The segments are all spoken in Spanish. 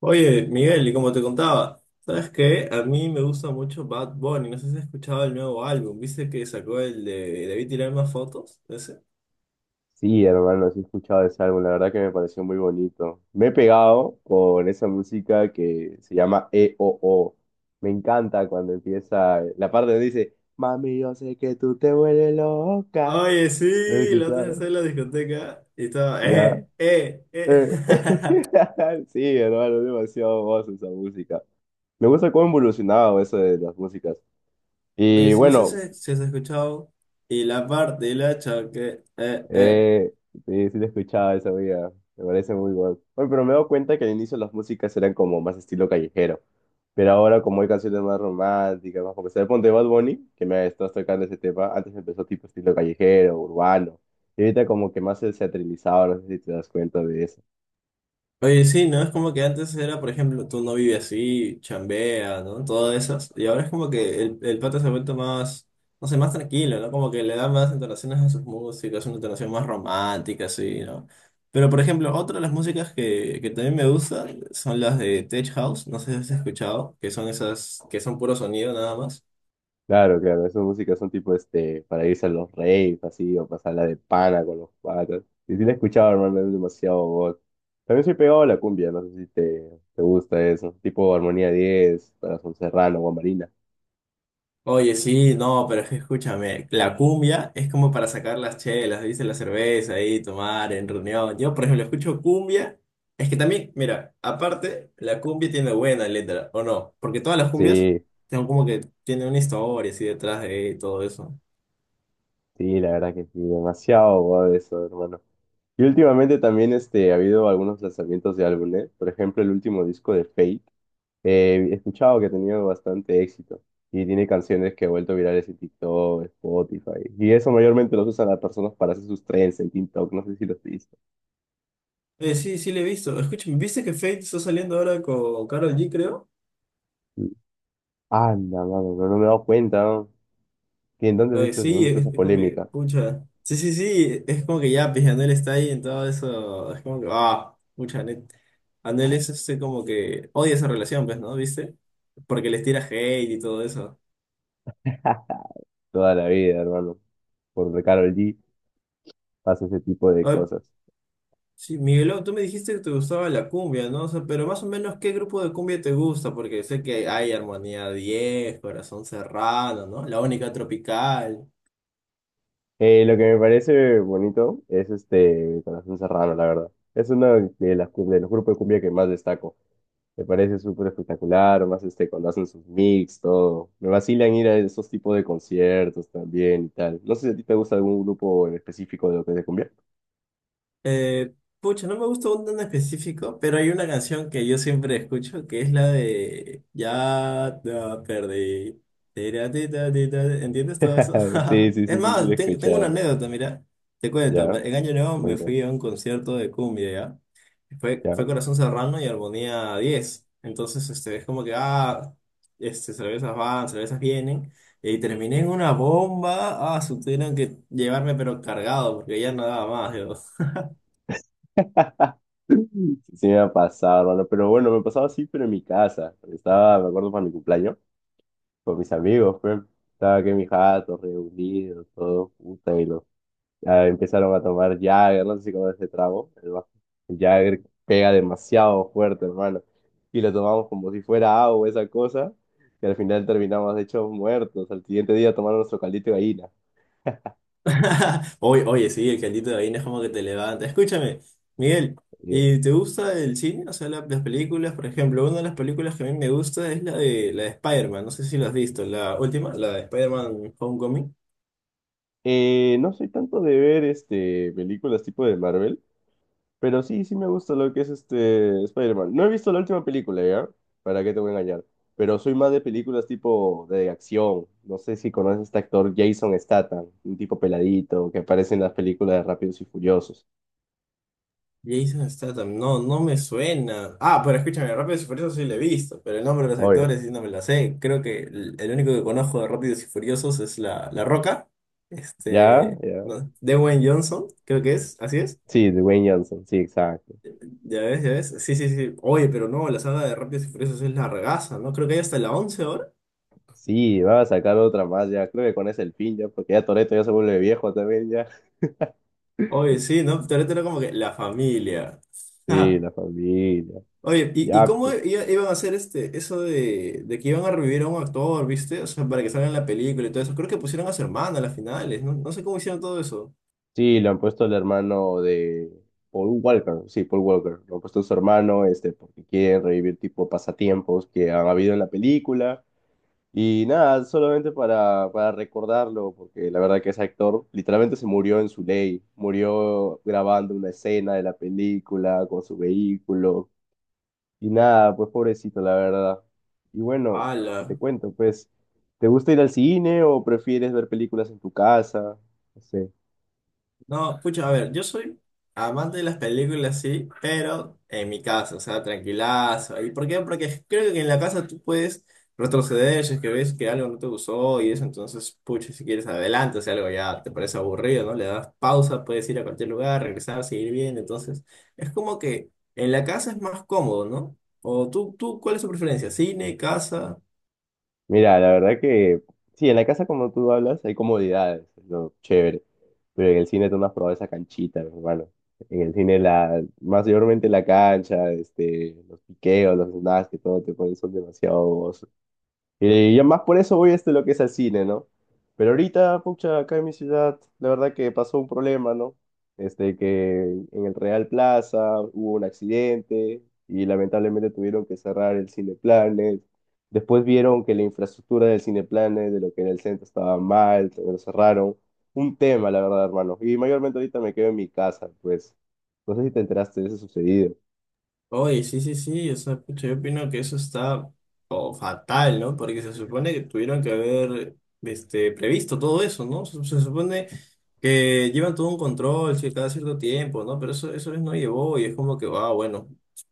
Oye, Miguel, y como te contaba, ¿sabes qué? A mí me gusta mucho Bad Bunny. No sé si has escuchado el nuevo álbum. ¿Viste que sacó el de Debí tirar más fotos? ¿Ese? Sí, hermano, sí he escuchado ese álbum, la verdad que me pareció muy bonito. Me he pegado con esa música que se llama E O. Me encanta cuando empieza la parte donde dice, mami, yo sé que tú te vuelves loca. Oye, ¿Lo has sí, la otra vez escuchado? estaba en la discoteca y estaba, ¿Ya? eh, eh, eh. Eh, Sí, hermano, es demasiado voz esa música. Me gusta cómo ha evolucionado eso de las músicas. Oye, Y si no sé bueno, si has escuchado. Y la parte, y la choque. Eh, sí, sí lo escuchaba esa vida. Me parece muy bueno. Oye, pero me he dado cuenta que al inicio las músicas eran como más estilo callejero. Pero ahora como hay canciones más románticas, más comerciales. Ponte Bad Bunny, que me estás tocando ese tema. Antes empezó tipo estilo callejero, urbano. Y ahorita como que más se ha trilizado, no sé si te das cuenta de eso. Oye, sí, ¿no? Es como que antes era, por ejemplo, tú no vives así, chambea, ¿no? Todas esas. Y ahora es como que el pata se ha vuelto más, no sé, más tranquilo, ¿no? Como que le da más entonaciones a sus músicas, una entonación más romántica, así, ¿no? Pero, por ejemplo, otra de las músicas que también me gusta son las de Tech House, no sé si has escuchado, que son esas, que son puro sonido nada más. Claro, claro, esas músicas son tipo para irse a los raves, así, o pasarla de pana con los patas. Y sí la he escuchado, hermano, es demasiado god. También soy pegado a la cumbia, no sé si te gusta eso. Tipo Armonía 10, Corazón Serrano, Guamarina. Oye, sí, no, pero es que escúchame, la cumbia es como para sacar las chelas, ¿viste? La cerveza ahí, tomar en reunión. Yo, por ejemplo, escucho cumbia. Es que también, mira, aparte, la cumbia tiene buena letra, ¿o no? Porque todas las cumbias Sí, son como que tienen una historia así detrás de y todo eso. sí, la verdad que sí, demasiado god eso, hermano. Y últimamente también ha habido algunos lanzamientos de álbumes. Por ejemplo, el último disco de Fate. He escuchado que ha tenido bastante éxito y tiene canciones que ha vuelto virales en TikTok, Spotify. Y eso mayormente lo usan las personas para hacer sus trends en TikTok. No sé si lo has visto. Sí, sí, le he visto. Escúchame, ¿viste que Fate está saliendo ahora con Karol G, creo? Anda, mano, pero no me he dado cuenta, ¿no? ¿Y en dónde Oye, viste, sí, dónde está es, esa es como que, polémica? pucha. Sí, sí, sí, es como que ya, pues Anuel está ahí en todo eso. Es como que, ah, pucha, Anuel es este como que odia esa relación, pues, ¿no? ¿Viste? Porque les tira hate y todo eso. Toda la vida, hermano. Por Karol G pasa ese tipo de A ver, cosas. sí, Miguelón, tú me dijiste que te gustaba la cumbia, ¿no? O sea, pero más o menos, ¿qué grupo de cumbia te gusta? Porque sé que hay Armonía 10, Corazón Serrano, ¿no? La Única Tropical. Lo que me parece bonito es Corazón Serrano, la verdad. Es uno de los grupos de cumbia que más destaco. Me parece súper espectacular, más cuando hacen sus mix, todo. Me vacilan ir a esos tipos de conciertos también y tal. No sé si a ti te gusta algún grupo en específico de lo que te convierte. Eh, Pucha, no me gusta un en específico, pero hay una canción que yo siempre escucho que es la de Ya te perdí. Tira, ti, ta, ti, ta. ¿Entiendes todo eso? Sí, sí, Es sí, sí, sí, lo más, he tengo una escuchado. anécdota, mira. Te cuento, Ya, en Año Nuevo me cuéntame, fui a un concierto de cumbia, ¿ya? Fue ya. Corazón Serrano y Armonía 10. Entonces, es como que, ah, cervezas van, cervezas vienen. Y terminé en una bomba. Ah, tuvieron que llevarme pero cargado porque ya no daba más. Sí, sí me ha pasado, hermano. Pero bueno, me pasaba así, pero en mi casa. Estaba, me acuerdo, para mi cumpleaños, con mis amigos, pues. Estaba aquí en mi jato, reunidos, todo, puta, y empezaron a tomar Jagger, no sé si conoces ese trago, el Jagger pega demasiado fuerte, hermano, y lo tomamos como si fuera agua, esa cosa, y al final terminamos hechos muertos, al siguiente día tomando nuestro caldito de gallina. Oye, oye, sí, el cantito de gallina es como que te levanta. Escúchame, Miguel, Y- ¿y te gusta el cine? O sea, las películas, por ejemplo, una de las películas que a mí me gusta es la de Spider-Man. No sé si la has visto, la última, la de Spider-Man Homecoming. No soy tanto de ver películas tipo de Marvel, pero sí, sí me gusta lo que es Spider-Man. No he visto la última película, ¿ya? ¿Para qué te voy a engañar? Pero soy más de películas tipo de acción. No sé si conoces a este actor Jason Statham, un tipo peladito que aparece en las películas de Rápidos y Furiosos. Jason Statham, no, no me suena. Ah, pero escúchame, Rápidos y Furiosos sí la he visto, pero el nombre de los Obvio. actores sí no me la sé. Creo que el único que conozco de Rápidos y Furiosos es la Roca, ¿Ya? ¿Ya? no, Dwayne Johnson, creo que es, así es. Sí, Dwayne Johnson, sí, exacto. Ya ves, ya ves. Sí, sí, sí. Oye, pero no, la saga de Rápidos y Furiosos es la regaza, ¿no? Creo que hay hasta la 11 ahora. Sí, va a sacar otra más ya. Creo que con ese el fin ya, porque ya Toretto ya se vuelve viejo también ya. Oye, sí, ¿no? Pero ahorita era como que la familia. Sí, la familia. Oye, ¿y Ya, cómo pues. Iban a hacer eso de que iban a revivir a un actor? ¿Viste? O sea, para que salga en la película y todo eso. Creo que pusieron a su hermana a las finales, ¿no? No sé cómo hicieron todo eso. Sí, le han puesto el hermano de Paul Walker, sí, Paul Walker, lo han puesto a su hermano, porque quieren revivir tipo pasatiempos que han habido en la película. Y nada, solamente para recordarlo, porque la verdad que ese actor literalmente se murió en su ley, murió grabando una escena de la película con su vehículo. Y nada, pues pobrecito, la verdad. Y bueno, y te ¡Hala! cuento, pues, ¿te gusta ir al cine o prefieres ver películas en tu casa? No sé. No, pucha, a ver, yo soy amante de las películas, sí, pero en mi casa, o sea, tranquilazo. ¿Y por qué? Porque creo que en la casa tú puedes retroceder si es que ves que algo no te gustó y eso, entonces, pucha, si quieres adelante, si algo ya te parece aburrido, ¿no? Le das pausa, puedes ir a cualquier lugar, regresar, seguir viendo, entonces, es como que en la casa es más cómodo, ¿no? O tú, ¿cuál es tu preferencia? ¿Cine, casa? Mira, la verdad que sí, en la casa como tú hablas hay comodidades, es lo chévere, pero en el cine tú no has probado esa canchita, mi hermano. En el cine mayormente la cancha, los piqueos, los snacks que todo te ponen son demasiado y yo más por eso voy a lo que es al cine, ¿no? Pero ahorita, pucha, acá en mi ciudad, la verdad que pasó un problema, ¿no? Este, que en el Real Plaza hubo un accidente y lamentablemente tuvieron que cerrar el Cineplanet. Después vieron que la infraestructura del Cineplanet, de lo que era el centro, estaba mal, también lo cerraron. Un tema, la verdad, hermano. Y mayormente ahorita me quedo en mi casa, pues. No sé si te enteraste de eso sucedido. Oye, sí, sí, sí, o sea, pucha, yo opino que eso está oh, fatal, ¿no? Porque se supone que tuvieron que haber previsto todo eso, ¿no? Se supone que llevan todo un control cada cierto tiempo, ¿no? Pero eso no llevó y es como que, ah, bueno,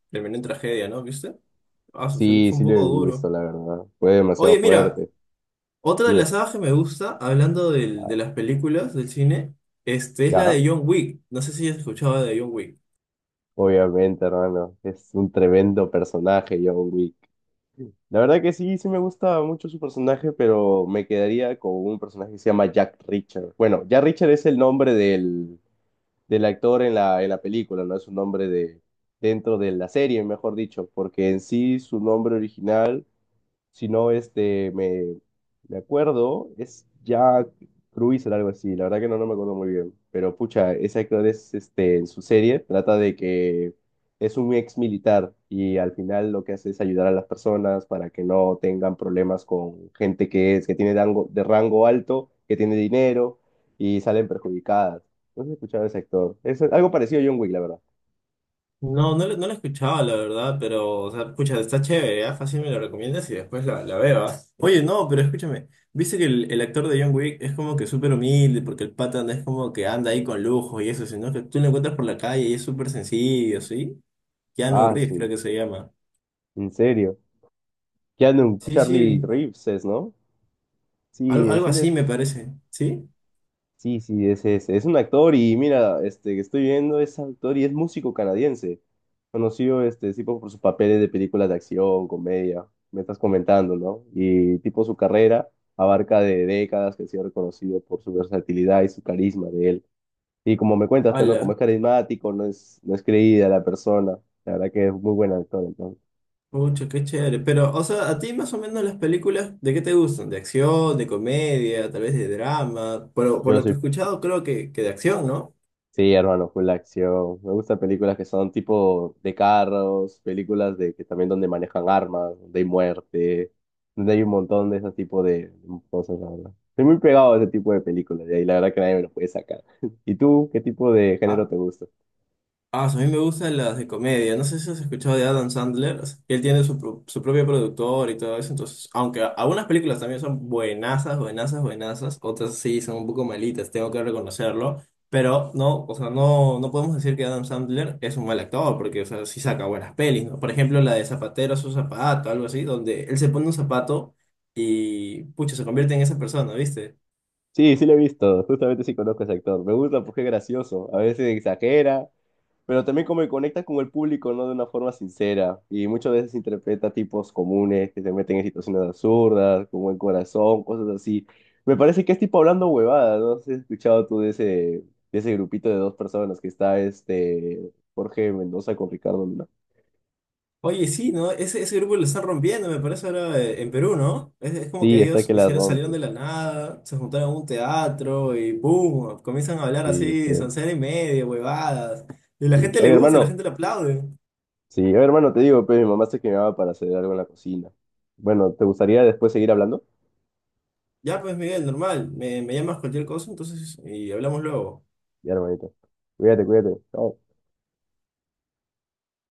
terminó en tragedia, ¿no? ¿Viste? Ah, eso fue, Sí, fue sí un lo he poco duro. visto, la verdad. Fue demasiado Oye, mira, fuerte. otra de Dime, las sagas que me gusta, hablando ah, de las películas, del cine, es la ¿ya? de John Wick. No sé si has escuchado de John Wick. Obviamente, hermano, es un tremendo personaje, John Wick. La verdad que sí, sí me gusta mucho su personaje, pero me quedaría con un personaje que se llama Jack Richard. Bueno, Jack Richard es el nombre del actor en en la película, no es un nombre de, dentro de la serie, mejor dicho, porque en sí su nombre original si no, me acuerdo, es Jack Cruiser, algo así, la verdad que no, no me acuerdo muy bien, pero pucha, ese actor es, en su serie, trata de que es un ex militar y al final lo que hace es ayudar a las personas para que no tengan problemas con gente que es, que tiene rango, de rango alto, que tiene dinero y salen perjudicadas. No sé si has escuchado a ese actor, es algo parecido a John Wick, la verdad. No, no, no la he escuchado, la verdad, pero, o sea, escucha está chévere, ¿ah? Fácil me lo recomiendas y después la veo, ¿ah? Oye, no, pero escúchame, viste que el actor de John Wick es como que súper humilde, porque el pata no es como que anda ahí con lujo y eso, sino que tú lo encuentras por la calle y es súper sencillo, ¿sí? Keanu Ah, Reeves creo su, que se llama. en serio. Keanu, Sí, Charlie sí, Reeves es, ¿no? Sí, algo sí, le así me parece, ¿sí? sí, sí, es un actor y mira, este que estoy viendo es actor y es músico canadiense, conocido este tipo por sus papeles de películas de acción, comedia, me estás comentando, ¿no? Y tipo su carrera abarca de décadas que ha sido reconocido por su versatilidad y su carisma de él. Y como me cuentas, pero Hala, como es carismático, no es creída la persona, la verdad que es muy buen actor, entonces. pucha, qué chévere. Pero, o sea, a ti más o menos las películas, ¿de qué te gustan? ¿De acción, de comedia, tal vez de drama? Pero por Yo lo que soy he escuchado, creo que de acción, ¿no? sí, hermano, full acción. Me gustan películas que son tipo de carros, películas de que también donde manejan armas, donde hay muerte, donde hay un montón de ese tipo de cosas, la verdad. Estoy muy pegado a ese tipo de películas y ahí la verdad que nadie me lo puede sacar. ¿Y tú, qué tipo de género Ah, te gusta? A mí me gustan las de comedia. No sé si has escuchado de Adam Sandler. O sea, que él tiene su propio productor y todo eso. Entonces, aunque algunas películas también son buenazas, buenazas, buenazas. Otras sí son un poco malitas, tengo que reconocerlo. Pero no, o sea, no podemos decir que Adam Sandler es un mal actor, porque, o sea, sí saca buenas pelis, ¿no? Por ejemplo, la de Zapatero a su zapato, algo así, donde él se pone un zapato y, pucha, se convierte en esa persona, ¿viste? Sí, sí lo he visto, justamente sí conozco a ese actor. Me gusta porque es gracioso, a veces exagera, pero también como que conecta con el público, ¿no? De una forma sincera. Y muchas veces interpreta tipos comunes que se meten en situaciones absurdas, con buen corazón, cosas así. Me parece que es tipo hablando huevadas, ¿no? No sé si, ¿has escuchado tú de ese grupito de dos personas que está este Jorge Mendoza con Ricardo Luna? Oye, sí, ¿no? Ese grupo lo están rompiendo, me parece, ahora en Perú, ¿no? Es como Sí, que está ellos que la hicieron, salieron de rompe. la nada, se juntaron a un teatro y ¡boom! Comienzan a hablar Sí, así, pues. soncera y media, huevadas. Y la Sí. gente le Oye, gusta, la hermano. gente le aplaude. Sí, oye, hermano, te digo, pues mi mamá se quemaba para hacer algo en la cocina. Bueno, ¿te gustaría después seguir hablando? Ya, pues, Miguel, normal, me llamas cualquier cosa, entonces, y hablamos luego. Ya, hermanito. Cuídate, cuídate. Chao.